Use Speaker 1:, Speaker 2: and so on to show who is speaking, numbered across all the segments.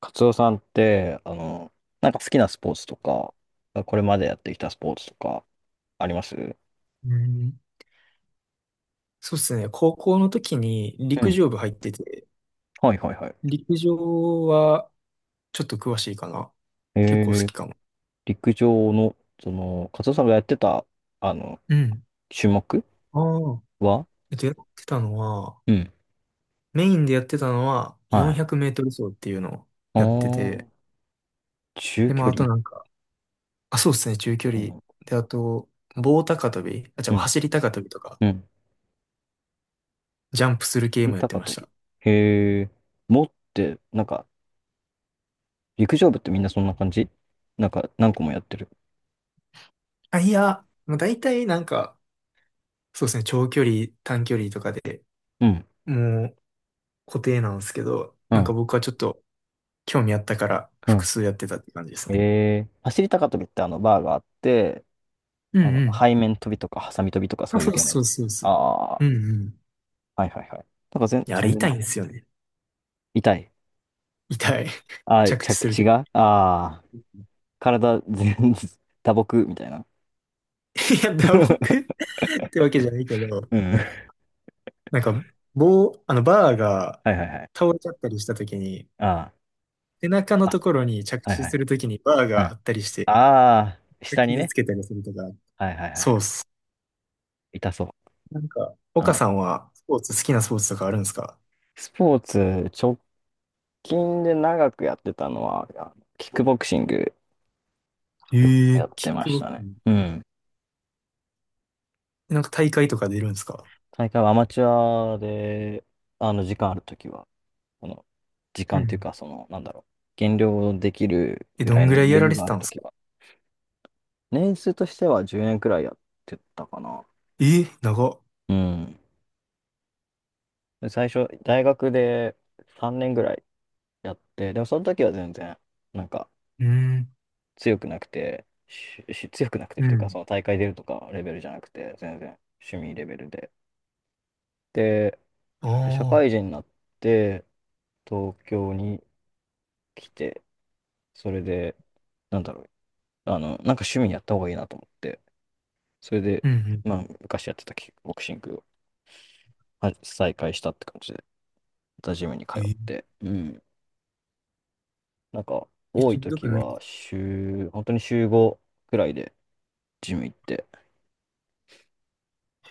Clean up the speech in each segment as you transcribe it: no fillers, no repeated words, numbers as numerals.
Speaker 1: カツオさんって、なんか好きなスポーツとか、これまでやってきたスポーツとかありますう？
Speaker 2: うん、そうですね。高校の時に陸上部
Speaker 1: ん。
Speaker 2: 入ってて、
Speaker 1: はいはいはい。
Speaker 2: 陸上はちょっと詳しいかな。結構好
Speaker 1: えー、
Speaker 2: きかも。
Speaker 1: 陸上の、カツオさんがやってた、あの、
Speaker 2: うん。
Speaker 1: 種目
Speaker 2: ああ。
Speaker 1: は？
Speaker 2: やってたのは、
Speaker 1: うん。
Speaker 2: メインでやってたのは
Speaker 1: は
Speaker 2: 400
Speaker 1: い。
Speaker 2: メートル走っていうのを
Speaker 1: あ
Speaker 2: やってて、
Speaker 1: ー、中
Speaker 2: で、ま
Speaker 1: 距
Speaker 2: あ、あと
Speaker 1: 離。
Speaker 2: なんか、あ、そうですね、中距
Speaker 1: う
Speaker 2: 離。
Speaker 1: ん。
Speaker 2: で、あと、棒高跳び、あ、じ
Speaker 1: う
Speaker 2: ゃあ
Speaker 1: ん。
Speaker 2: 走り高跳びとか、
Speaker 1: うん。
Speaker 2: ジャンプする系
Speaker 1: 尻
Speaker 2: もやって
Speaker 1: 高
Speaker 2: ま
Speaker 1: 跳
Speaker 2: し
Speaker 1: び。
Speaker 2: た。
Speaker 1: へえ、持って、なんか、陸上部ってみんなそんな感じ？なんか、何個もやってる。
Speaker 2: あ、いや、もう大体なんか、そうですね、長距離、短距離とかで、
Speaker 1: うん。
Speaker 2: もう固定なんですけど、
Speaker 1: う
Speaker 2: なんか
Speaker 1: ん。
Speaker 2: 僕はちょっと興味あったから
Speaker 1: う
Speaker 2: 複
Speaker 1: ん。
Speaker 2: 数やってたって感じですね。
Speaker 1: 走り高跳びってバーがあって、
Speaker 2: うんうん。
Speaker 1: 背面飛びとか、ハサミ飛びとか、
Speaker 2: あ、
Speaker 1: そういう
Speaker 2: そう
Speaker 1: 系のや
Speaker 2: そう
Speaker 1: つ。
Speaker 2: そうそう。
Speaker 1: あ
Speaker 2: う
Speaker 1: あ、
Speaker 2: んうん。
Speaker 1: はいはいはい。なんか
Speaker 2: いや、あれ
Speaker 1: 全
Speaker 2: 痛
Speaker 1: 然。
Speaker 2: いんですよね。
Speaker 1: 痛い。
Speaker 2: 痛い。
Speaker 1: ああ、
Speaker 2: 着地
Speaker 1: 着
Speaker 2: する
Speaker 1: 地
Speaker 2: とき。
Speaker 1: が、ああ、体全、打撲みたいな。
Speaker 2: いや、打撲 ってわけじゃないけど、
Speaker 1: うん。は
Speaker 2: なんか、棒、あの、バーが
Speaker 1: いはいはい。
Speaker 2: 倒れちゃったりしたときに、
Speaker 1: あ
Speaker 2: 背中の
Speaker 1: あ、
Speaker 2: ところに着
Speaker 1: あ、はい
Speaker 2: 地
Speaker 1: はい
Speaker 2: す
Speaker 1: はい。
Speaker 2: るときにバー
Speaker 1: うん。
Speaker 2: が
Speaker 1: あ
Speaker 2: あったりして、
Speaker 1: あ、下に
Speaker 2: 傷
Speaker 1: ね。
Speaker 2: つけたりするとか。
Speaker 1: はいはいは
Speaker 2: そうっ
Speaker 1: い。
Speaker 2: す。
Speaker 1: 痛そう。
Speaker 2: なんか、
Speaker 1: う
Speaker 2: 岡
Speaker 1: ん。
Speaker 2: さんはスポーツ、好きなスポーツとかあるんですか？
Speaker 1: スポーツ、直近で長くやってたのは、キックボクシング
Speaker 2: え
Speaker 1: や
Speaker 2: え、
Speaker 1: っ
Speaker 2: キ
Speaker 1: て
Speaker 2: ッ
Speaker 1: ま
Speaker 2: ク
Speaker 1: し
Speaker 2: ボク
Speaker 1: た
Speaker 2: シ
Speaker 1: ね。
Speaker 2: ング。
Speaker 1: うん。
Speaker 2: なんか大会とか出るんですか？
Speaker 1: 大会はアマチュアで、時間あるときは。この時
Speaker 2: う
Speaker 1: 間という
Speaker 2: ん。
Speaker 1: か、なんだろう、減量できる
Speaker 2: え、
Speaker 1: ぐ
Speaker 2: ど
Speaker 1: らい
Speaker 2: ん
Speaker 1: の
Speaker 2: ぐらいや
Speaker 1: 余
Speaker 2: ら
Speaker 1: 裕
Speaker 2: れ
Speaker 1: が
Speaker 2: て
Speaker 1: あ
Speaker 2: た
Speaker 1: る
Speaker 2: んで
Speaker 1: と
Speaker 2: す
Speaker 1: き
Speaker 2: か？
Speaker 1: は。年数としては10年くらいやってたかな。
Speaker 2: え、長っ。
Speaker 1: うん。最初、大学で3年ぐらいやって、でもその時は全然、なんか、
Speaker 2: うん。
Speaker 1: 強くなくて、強くなくてっ
Speaker 2: う
Speaker 1: ていうか、そ
Speaker 2: ん。
Speaker 1: の大会出るとかレベルじゃなくて、全然趣味レベルで。で、
Speaker 2: あ
Speaker 1: 社
Speaker 2: あ、
Speaker 1: 会人になって、東京に来て、それで、なんだろう、なんか趣味やった方がいいなと思って、それで、
Speaker 2: うんうん。
Speaker 1: まあ、昔やってたキックボクシングは再開したって感じで、またジムに
Speaker 2: え
Speaker 1: 通っ
Speaker 2: ー、
Speaker 1: て、うん。なんか、
Speaker 2: え、
Speaker 1: 多
Speaker 2: し
Speaker 1: い
Speaker 2: んど
Speaker 1: 時
Speaker 2: くないで
Speaker 1: は
Speaker 2: す？
Speaker 1: 週、本当に週5くらいでジム行って、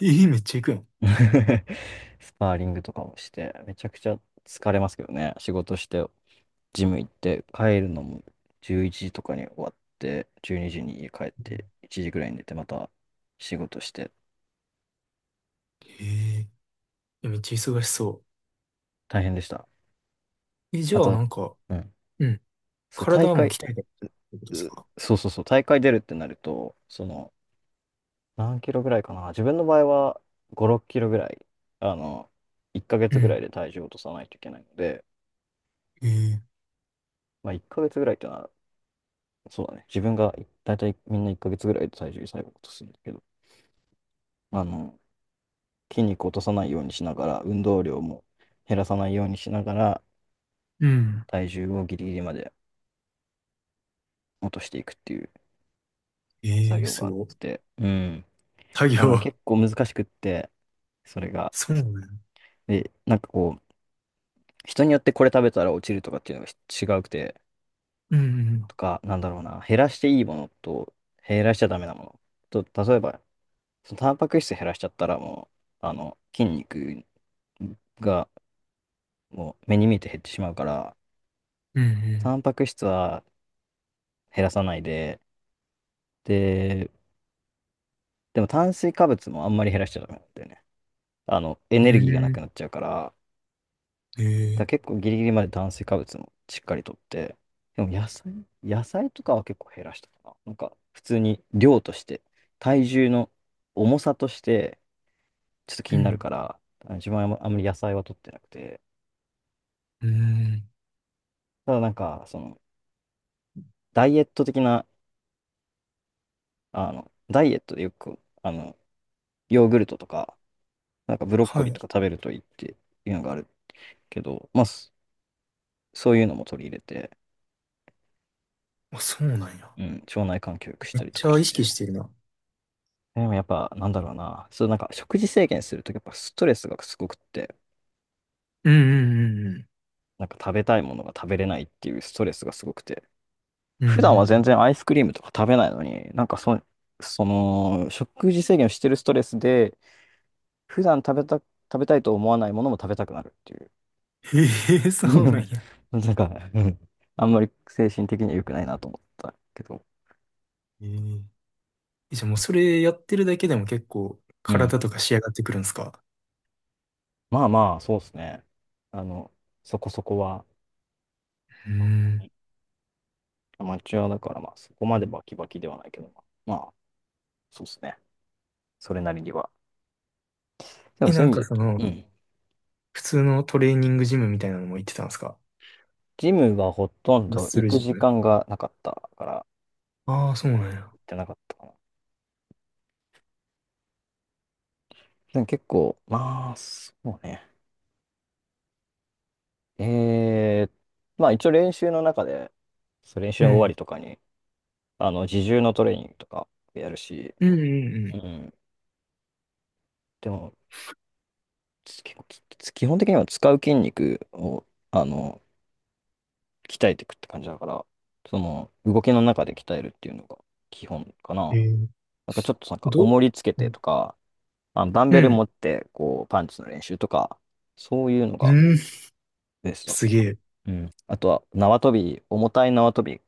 Speaker 2: えー、めっちゃ行くやん。
Speaker 1: スパーリングとかもして、めちゃくちゃ疲れますけどね。仕事して、ジム行って、帰るのも11時とかに終わって、12時にに家帰っ
Speaker 2: うん。
Speaker 1: て、1時くらいに寝て、また仕事して、
Speaker 2: えー。え、めっちゃ忙しそ
Speaker 1: 大変でした。
Speaker 2: う。え、じ
Speaker 1: あ
Speaker 2: ゃあ
Speaker 1: と、
Speaker 2: なんか、
Speaker 1: うん。
Speaker 2: うん。
Speaker 1: そう、大
Speaker 2: 体も
Speaker 1: 会、
Speaker 2: 鍛えたってことです
Speaker 1: う
Speaker 2: か？
Speaker 1: そうそうそう、大会出るってなると、その、何キロぐらいかな。自分の場合は5、6キロぐらい、あの、1ヶ
Speaker 2: う
Speaker 1: 月ぐら
Speaker 2: ん。
Speaker 1: いで体重を落とさないといけないので、
Speaker 2: えー。
Speaker 1: まあ1ヶ月ぐらいってのは、そうだね。自分が大体みんな1ヶ月ぐらいで体重最後落とすんだけど、あの、筋肉を落とさないようにしながら、運動量も減らさないようにしながら、
Speaker 2: うん。
Speaker 1: 体重をギリギリまで落としていくっていう
Speaker 2: え
Speaker 1: 作
Speaker 2: ー、
Speaker 1: 業
Speaker 2: す
Speaker 1: があっ
Speaker 2: ごい。
Speaker 1: て、うん。
Speaker 2: 作業。
Speaker 1: 結構難しくって、それが。
Speaker 2: そうなん？
Speaker 1: で、なんかこう、人によってこれ食べたら落ちるとかっていうのが違うくて、
Speaker 2: うん。
Speaker 1: とか、なんだろうな、減らしていいものと、減らしちゃダメなもの。と、例えば、そのタンパク質減らしちゃったらもう、筋肉がもう目に見えて減ってしまうから、
Speaker 2: うん。
Speaker 1: タンパク質は減らさないで、で、でも炭水化物もあんまり減らしちゃダメなんだよね。エ
Speaker 2: う
Speaker 1: ネルギーがな
Speaker 2: ん。う
Speaker 1: くなっちゃうから、
Speaker 2: ん。え
Speaker 1: だ
Speaker 2: ー。
Speaker 1: から結構ギリギリまで炭水化物もしっかりとって、でも野菜とかは結構減らしたかな。なんか普通に量として、体重の重さとしてちょっと
Speaker 2: う
Speaker 1: 気になる
Speaker 2: ん
Speaker 1: から、自分はあんまり野菜は取ってなくて、
Speaker 2: うん。
Speaker 1: ただなんかそのダイエット的な、ダイエットでよく、ヨーグルトとか、なんかブロッコ
Speaker 2: は
Speaker 1: リー
Speaker 2: い。
Speaker 1: とか食べるといいっていうのがあるけど、まあそういうのも取り入れて、
Speaker 2: あ、そうなんや。
Speaker 1: うん、腸内環境良くし
Speaker 2: め
Speaker 1: た
Speaker 2: っ
Speaker 1: りと
Speaker 2: ち
Speaker 1: か
Speaker 2: ゃ
Speaker 1: し
Speaker 2: 意識
Speaker 1: て、
Speaker 2: してるな。
Speaker 1: でもやっぱ、なんだろうな。そう、なんか食事制限するとやっぱストレスがすごくって、
Speaker 2: うんうん
Speaker 1: なんか食べたいものが食べれないっていうストレスがすごくて、
Speaker 2: うんう
Speaker 1: 普
Speaker 2: ん。
Speaker 1: 段は
Speaker 2: うん
Speaker 1: 全
Speaker 2: う
Speaker 1: 然アイスクリームとか食べないのに、その、食事制限をしてるストレスで、普段食べた、食べたいと思わないものも食べたくなるっていう。
Speaker 2: ん。へえ、そうなん や。
Speaker 1: なんか、うん、あんまり精神的には良くないなと思ったけど。
Speaker 2: ええ。じゃあもうそれやってるだけでも結構
Speaker 1: うん。
Speaker 2: 体とか仕上がってくるんですか？
Speaker 1: まあまあ、そうですね。あの、そこそこは。
Speaker 2: うん。
Speaker 1: アマチュアだから、まあ、そこまでバキバキではないけど、まあ、そうですね。それなりには。でも
Speaker 2: え、
Speaker 1: そ
Speaker 2: な
Speaker 1: うい
Speaker 2: ん
Speaker 1: う意味
Speaker 2: か
Speaker 1: で
Speaker 2: その、
Speaker 1: 言うと、うん。
Speaker 2: 普通のトレーニングジムみたいなのも行ってたんですか？
Speaker 1: ジムがほとん
Speaker 2: マッ
Speaker 1: ど
Speaker 2: ス
Speaker 1: 行
Speaker 2: ル
Speaker 1: く
Speaker 2: ジ
Speaker 1: 時
Speaker 2: ム。
Speaker 1: 間がなかったから、
Speaker 2: ああ、そうなんや。
Speaker 1: 行ってなかったかな。でも結構、まあ、そうね。えー、まあ一応練習の中で、そう練習
Speaker 2: う
Speaker 1: の終わ
Speaker 2: ん。
Speaker 1: りとかに、自重のトレーニングとかやるし、
Speaker 2: うんうん
Speaker 1: う
Speaker 2: う
Speaker 1: ん。でも、結構基本的には使う筋肉を、あの、鍛えていくって感じだから、その動きの中で鍛えるっていうのが基本か
Speaker 2: ん。え
Speaker 1: な。
Speaker 2: ー、
Speaker 1: なんかちょっとなんか
Speaker 2: ど、
Speaker 1: 重りつけ
Speaker 2: う
Speaker 1: て
Speaker 2: ん
Speaker 1: とか、ダン
Speaker 2: う
Speaker 1: ベル持
Speaker 2: ん。
Speaker 1: ってこうパンチの練習とか、そういうの
Speaker 2: う
Speaker 1: が
Speaker 2: ん。
Speaker 1: ベースだっ
Speaker 2: す
Speaker 1: た
Speaker 2: げ
Speaker 1: か
Speaker 2: え。
Speaker 1: な。うん。あとは縄跳び、重たい縄跳び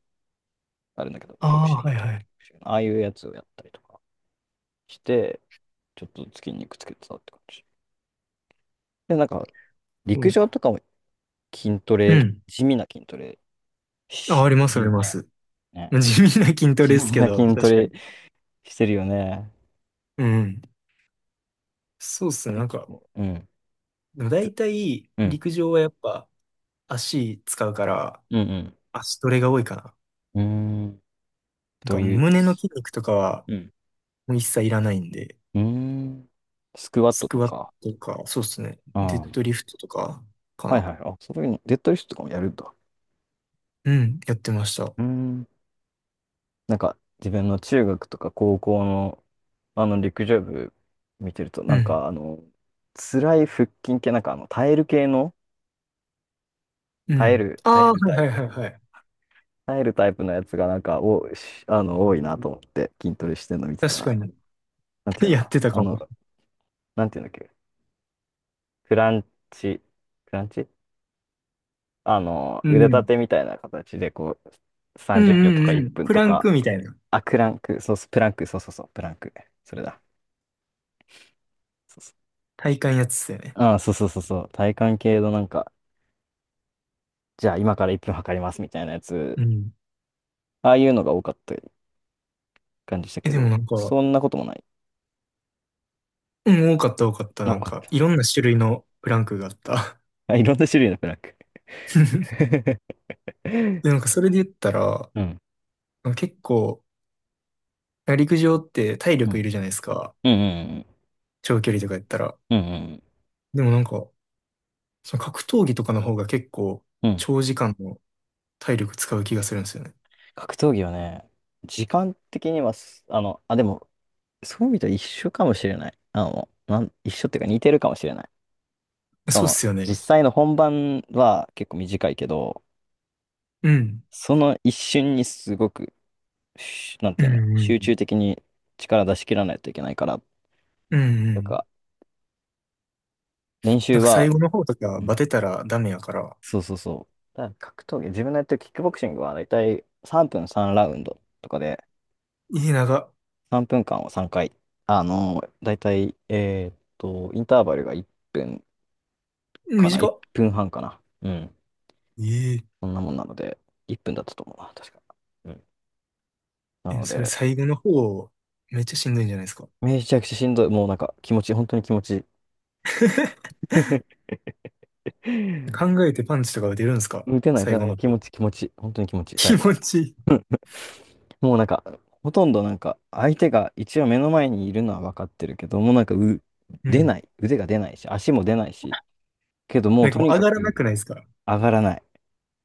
Speaker 1: あるんだけど、
Speaker 2: あ
Speaker 1: ボク
Speaker 2: あ、
Speaker 1: シン
Speaker 2: は
Speaker 1: グ
Speaker 2: い
Speaker 1: とか、
Speaker 2: はい。
Speaker 1: ああいうやつをやったりとかして、ちょっとずつ筋肉つけてたって感じ。で、なんか
Speaker 2: う
Speaker 1: 陸
Speaker 2: ん
Speaker 1: 上とかも筋ト
Speaker 2: う
Speaker 1: レ、
Speaker 2: ん。
Speaker 1: 地味な筋トレ
Speaker 2: あ、
Speaker 1: し
Speaker 2: ありま
Speaker 1: て
Speaker 2: す
Speaker 1: る
Speaker 2: あり
Speaker 1: よ
Speaker 2: ま
Speaker 1: ね。
Speaker 2: す。
Speaker 1: ね。
Speaker 2: 地味な筋ト
Speaker 1: 地
Speaker 2: レです
Speaker 1: 味
Speaker 2: け
Speaker 1: な
Speaker 2: ど、
Speaker 1: 筋ト
Speaker 2: 確か
Speaker 1: レ
Speaker 2: に。
Speaker 1: してるよね。
Speaker 2: うん。そうっすね。な
Speaker 1: 結
Speaker 2: んか、
Speaker 1: 構。うん。
Speaker 2: でも
Speaker 1: つ
Speaker 2: 大体、
Speaker 1: うん。
Speaker 2: 陸上はやっぱ足使うから、
Speaker 1: うん
Speaker 2: 足トレが多いかな。
Speaker 1: うん。うーん。
Speaker 2: なん
Speaker 1: と
Speaker 2: か
Speaker 1: いう。
Speaker 2: 胸の
Speaker 1: す
Speaker 2: 筋肉とかは
Speaker 1: うん。
Speaker 2: もう一切いらないんで、
Speaker 1: うーん。スクワッ
Speaker 2: ス
Speaker 1: ト
Speaker 2: ク
Speaker 1: と
Speaker 2: ワッ
Speaker 1: か。
Speaker 2: トとか、そうですね。デ
Speaker 1: あ
Speaker 2: ッド
Speaker 1: あ。
Speaker 2: リフトとか、か
Speaker 1: はい
Speaker 2: な。
Speaker 1: はい。あ、そういうの、デッドリフトとかもやるんだ。
Speaker 2: うん、やってました。
Speaker 1: うーん。なんか、自分の中学とか高校の、陸上部見てると、
Speaker 2: う
Speaker 1: なん
Speaker 2: ん、
Speaker 1: か、辛い腹筋系、なんか、耐える系の、
Speaker 2: うん。
Speaker 1: 耐え
Speaker 2: ああ、は
Speaker 1: るタ
Speaker 2: い
Speaker 1: イ
Speaker 2: はい
Speaker 1: プ
Speaker 2: はい
Speaker 1: の、
Speaker 2: はい。
Speaker 1: やつが、なんか、多いなと思って、筋トレしてるの見てた
Speaker 2: 確か
Speaker 1: ら、
Speaker 2: に。
Speaker 1: なんてい う
Speaker 2: やっ
Speaker 1: の、
Speaker 2: てたかも。
Speaker 1: なんていうんだっけ、クランチ、クランチ、
Speaker 2: う
Speaker 1: 腕立
Speaker 2: ん。
Speaker 1: てみたいな形で、こう、
Speaker 2: うん
Speaker 1: 30秒とか
Speaker 2: うんう
Speaker 1: 1
Speaker 2: ん。
Speaker 1: 分
Speaker 2: プ
Speaker 1: と
Speaker 2: ラン
Speaker 1: か、
Speaker 2: クみたいな。
Speaker 1: あ、クランク、そうそう、プランク、そうそうそう、プランク。それだ。そうそう。
Speaker 2: 体幹やつだよね。
Speaker 1: あ、そうそうそうそう。体幹系のなんか、じゃあ今から1分測りますみたいなやつ、
Speaker 2: うん。
Speaker 1: ああいうのが多かった感じした
Speaker 2: え、
Speaker 1: け
Speaker 2: でも
Speaker 1: ど、
Speaker 2: なんか、
Speaker 1: そんなこともない。
Speaker 2: うん、多かった多かった。
Speaker 1: あ、
Speaker 2: な
Speaker 1: よ
Speaker 2: ん
Speaker 1: かっ
Speaker 2: か、
Speaker 1: た。
Speaker 2: いろんな種類のプランクがあった。
Speaker 1: あ、いろんな種類のプランク。
Speaker 2: で、なんかそれで言ったら、
Speaker 1: うん。
Speaker 2: 結構、陸上って体
Speaker 1: う
Speaker 2: 力い
Speaker 1: ん。
Speaker 2: るじゃないですか。
Speaker 1: うん。うん。
Speaker 2: 長距離とかやったら。
Speaker 1: うん。うん。
Speaker 2: でもなんか、その格闘技とかの方が結構、
Speaker 1: うんうん。
Speaker 2: 長時間の体力使う気がするんですよね。
Speaker 1: 格闘技はね、時間的にはあ、でも、そう見たら一緒かもしれない。一緒っていうか似てるかもしれない。そ
Speaker 2: そうっ
Speaker 1: の、
Speaker 2: すよ
Speaker 1: 実
Speaker 2: ね。
Speaker 1: 際の本番は結構短いけど、
Speaker 2: うん。
Speaker 1: その一瞬にすごく、なん
Speaker 2: う
Speaker 1: ていうの、
Speaker 2: んう
Speaker 1: 集中
Speaker 2: ん
Speaker 1: 的に力出し切らないといけないから、
Speaker 2: うんうん
Speaker 1: な
Speaker 2: う
Speaker 1: ん
Speaker 2: ん。
Speaker 1: か、練
Speaker 2: な
Speaker 1: 習
Speaker 2: んか最
Speaker 1: は、
Speaker 2: 後の方と
Speaker 1: う
Speaker 2: かバ
Speaker 1: ん、
Speaker 2: テたらダメやから。
Speaker 1: そうそうそう。だから格闘技、自分のやってるキックボクシングはだいたい3分3ラウンドとかで、
Speaker 2: いい長っ。
Speaker 1: 3分間を3回、だいたい、インターバルが1分か
Speaker 2: 短
Speaker 1: な、1
Speaker 2: っ。
Speaker 1: 分半かな。うん。
Speaker 2: ええ。
Speaker 1: そんなもんなので、1分だったと思うな、確か。うん。な
Speaker 2: え、
Speaker 1: の
Speaker 2: それ
Speaker 1: で、
Speaker 2: 最後の方、めっちゃしんどいんじゃないですか。
Speaker 1: めちゃくちゃしんどい。もうなんか気持ち、本当に気持ちいい。
Speaker 2: 考えてパンチとか打てるんですか？
Speaker 1: 打てない
Speaker 2: 最
Speaker 1: と
Speaker 2: 後
Speaker 1: もう
Speaker 2: の
Speaker 1: 気
Speaker 2: 方。
Speaker 1: 持ち気持ち、本当に気持ちいい、
Speaker 2: 気
Speaker 1: 最後は。
Speaker 2: 持ちいい。
Speaker 1: もうなんか、ほとんどなんか、相手が一応目の前にいるのは分かってるけど、もうなんか
Speaker 2: う
Speaker 1: 出な
Speaker 2: ん。
Speaker 1: い。腕が出ないし、足も出ないし、けども
Speaker 2: な
Speaker 1: う
Speaker 2: んか
Speaker 1: と
Speaker 2: も
Speaker 1: に
Speaker 2: う上
Speaker 1: か
Speaker 2: がらなく
Speaker 1: く
Speaker 2: ないですか？
Speaker 1: 上がらない。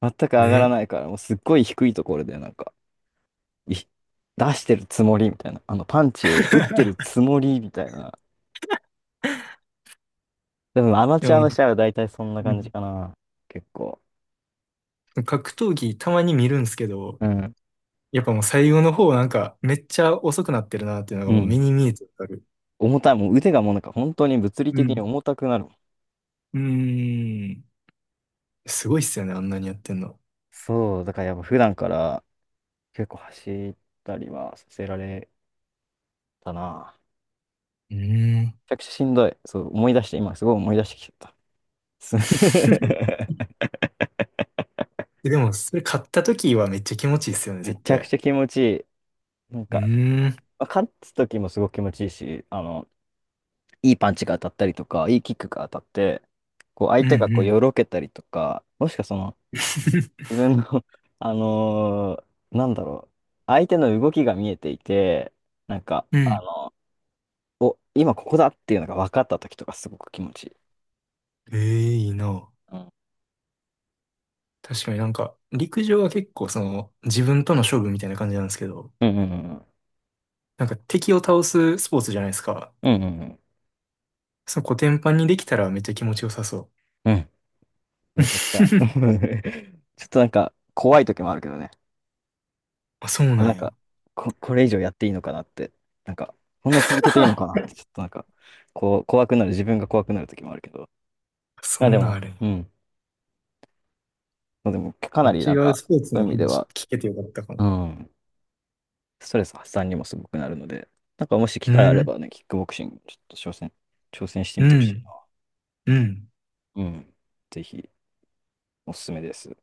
Speaker 1: 全く上がら
Speaker 2: ね。
Speaker 1: ないから、もうすっごい低いところでなんか、出してるつもりみたいな、パンチを打ってる つもりみたいな、でもアマ
Speaker 2: で
Speaker 1: チュア
Speaker 2: も
Speaker 1: の
Speaker 2: な、
Speaker 1: 試合は大体そんな
Speaker 2: う
Speaker 1: 感じ
Speaker 2: ん、
Speaker 1: かな。結構。
Speaker 2: 格闘技たまに見るんですけど、
Speaker 1: うん。
Speaker 2: やっぱもう最後の方なんかめっちゃ遅くなってるなっていうのが
Speaker 1: う
Speaker 2: もう目
Speaker 1: ん。
Speaker 2: に見えてわかる。
Speaker 1: 重たい。もう腕がもうなんか本当に物理
Speaker 2: う
Speaker 1: 的に
Speaker 2: ん。
Speaker 1: 重たくなるもん。
Speaker 2: うーん。すごいっすよね、あんなにやってんの。
Speaker 1: そう。だからやっぱ普段から結構走ったりはさせられたな。
Speaker 2: うーん。
Speaker 1: めちゃくちゃしんどい。そう、思い出して、今すごい思い出してきちゃった。す
Speaker 2: でも、それ買った時はめっちゃ気持ちいいっすよね、
Speaker 1: め
Speaker 2: 絶
Speaker 1: ちゃく
Speaker 2: 対。
Speaker 1: ちゃ気持ちいい。なん
Speaker 2: う
Speaker 1: か、
Speaker 2: ーん。
Speaker 1: まあ勝つ時もすごく気持ちいいし、いいパンチが当たったりとか、いいキックが当たって、こう相
Speaker 2: うんう
Speaker 1: 手がこう
Speaker 2: ん。
Speaker 1: よろけたりとか、もしくはその自 分の あのなんだろう、相手の動きが見えていて、なんか、
Speaker 2: うん。
Speaker 1: お、今ここだっていうのが分かった時とかすごく気持ちいい。
Speaker 2: ええ、いいな。
Speaker 1: うん
Speaker 2: 確かになんか、陸上は結構その、自分との勝負みたいな感じなんですけど、
Speaker 1: うんうん
Speaker 2: なんか敵を倒すスポーツじゃないですか。
Speaker 1: うんうんうんうん
Speaker 2: そのコテンパンにできたらめっちゃ気持ちよさそ
Speaker 1: うんうん。
Speaker 2: う。
Speaker 1: めちゃくちゃ。ちょっとなんか怖い時もあるけどね。
Speaker 2: あ、そうな
Speaker 1: な
Speaker 2: ん
Speaker 1: ん
Speaker 2: や。
Speaker 1: か、これ以上やっていいのかなって、なんか、こんな続けていいのかなっ て、ちょっとなんか、こう、怖くなる、自分が怖くなる時もあるけど。
Speaker 2: そ
Speaker 1: まあで
Speaker 2: んなん
Speaker 1: も、
Speaker 2: あれ。
Speaker 1: うん。まあでも、かなりな
Speaker 2: 違
Speaker 1: ん
Speaker 2: う
Speaker 1: か、
Speaker 2: スポーツ
Speaker 1: そう
Speaker 2: の
Speaker 1: いう意味で
Speaker 2: 話
Speaker 1: は、
Speaker 2: 聞けてよかったかな。
Speaker 1: うん、ストレス発散にもすごくなるので、なんかもし機
Speaker 2: う
Speaker 1: 会あれ
Speaker 2: ん。
Speaker 1: ばね、キックボクシングちょっと挑戦して
Speaker 2: う
Speaker 1: みてほしい
Speaker 2: ん。
Speaker 1: な。
Speaker 2: うん。
Speaker 1: うん。ぜひ、おすすめです。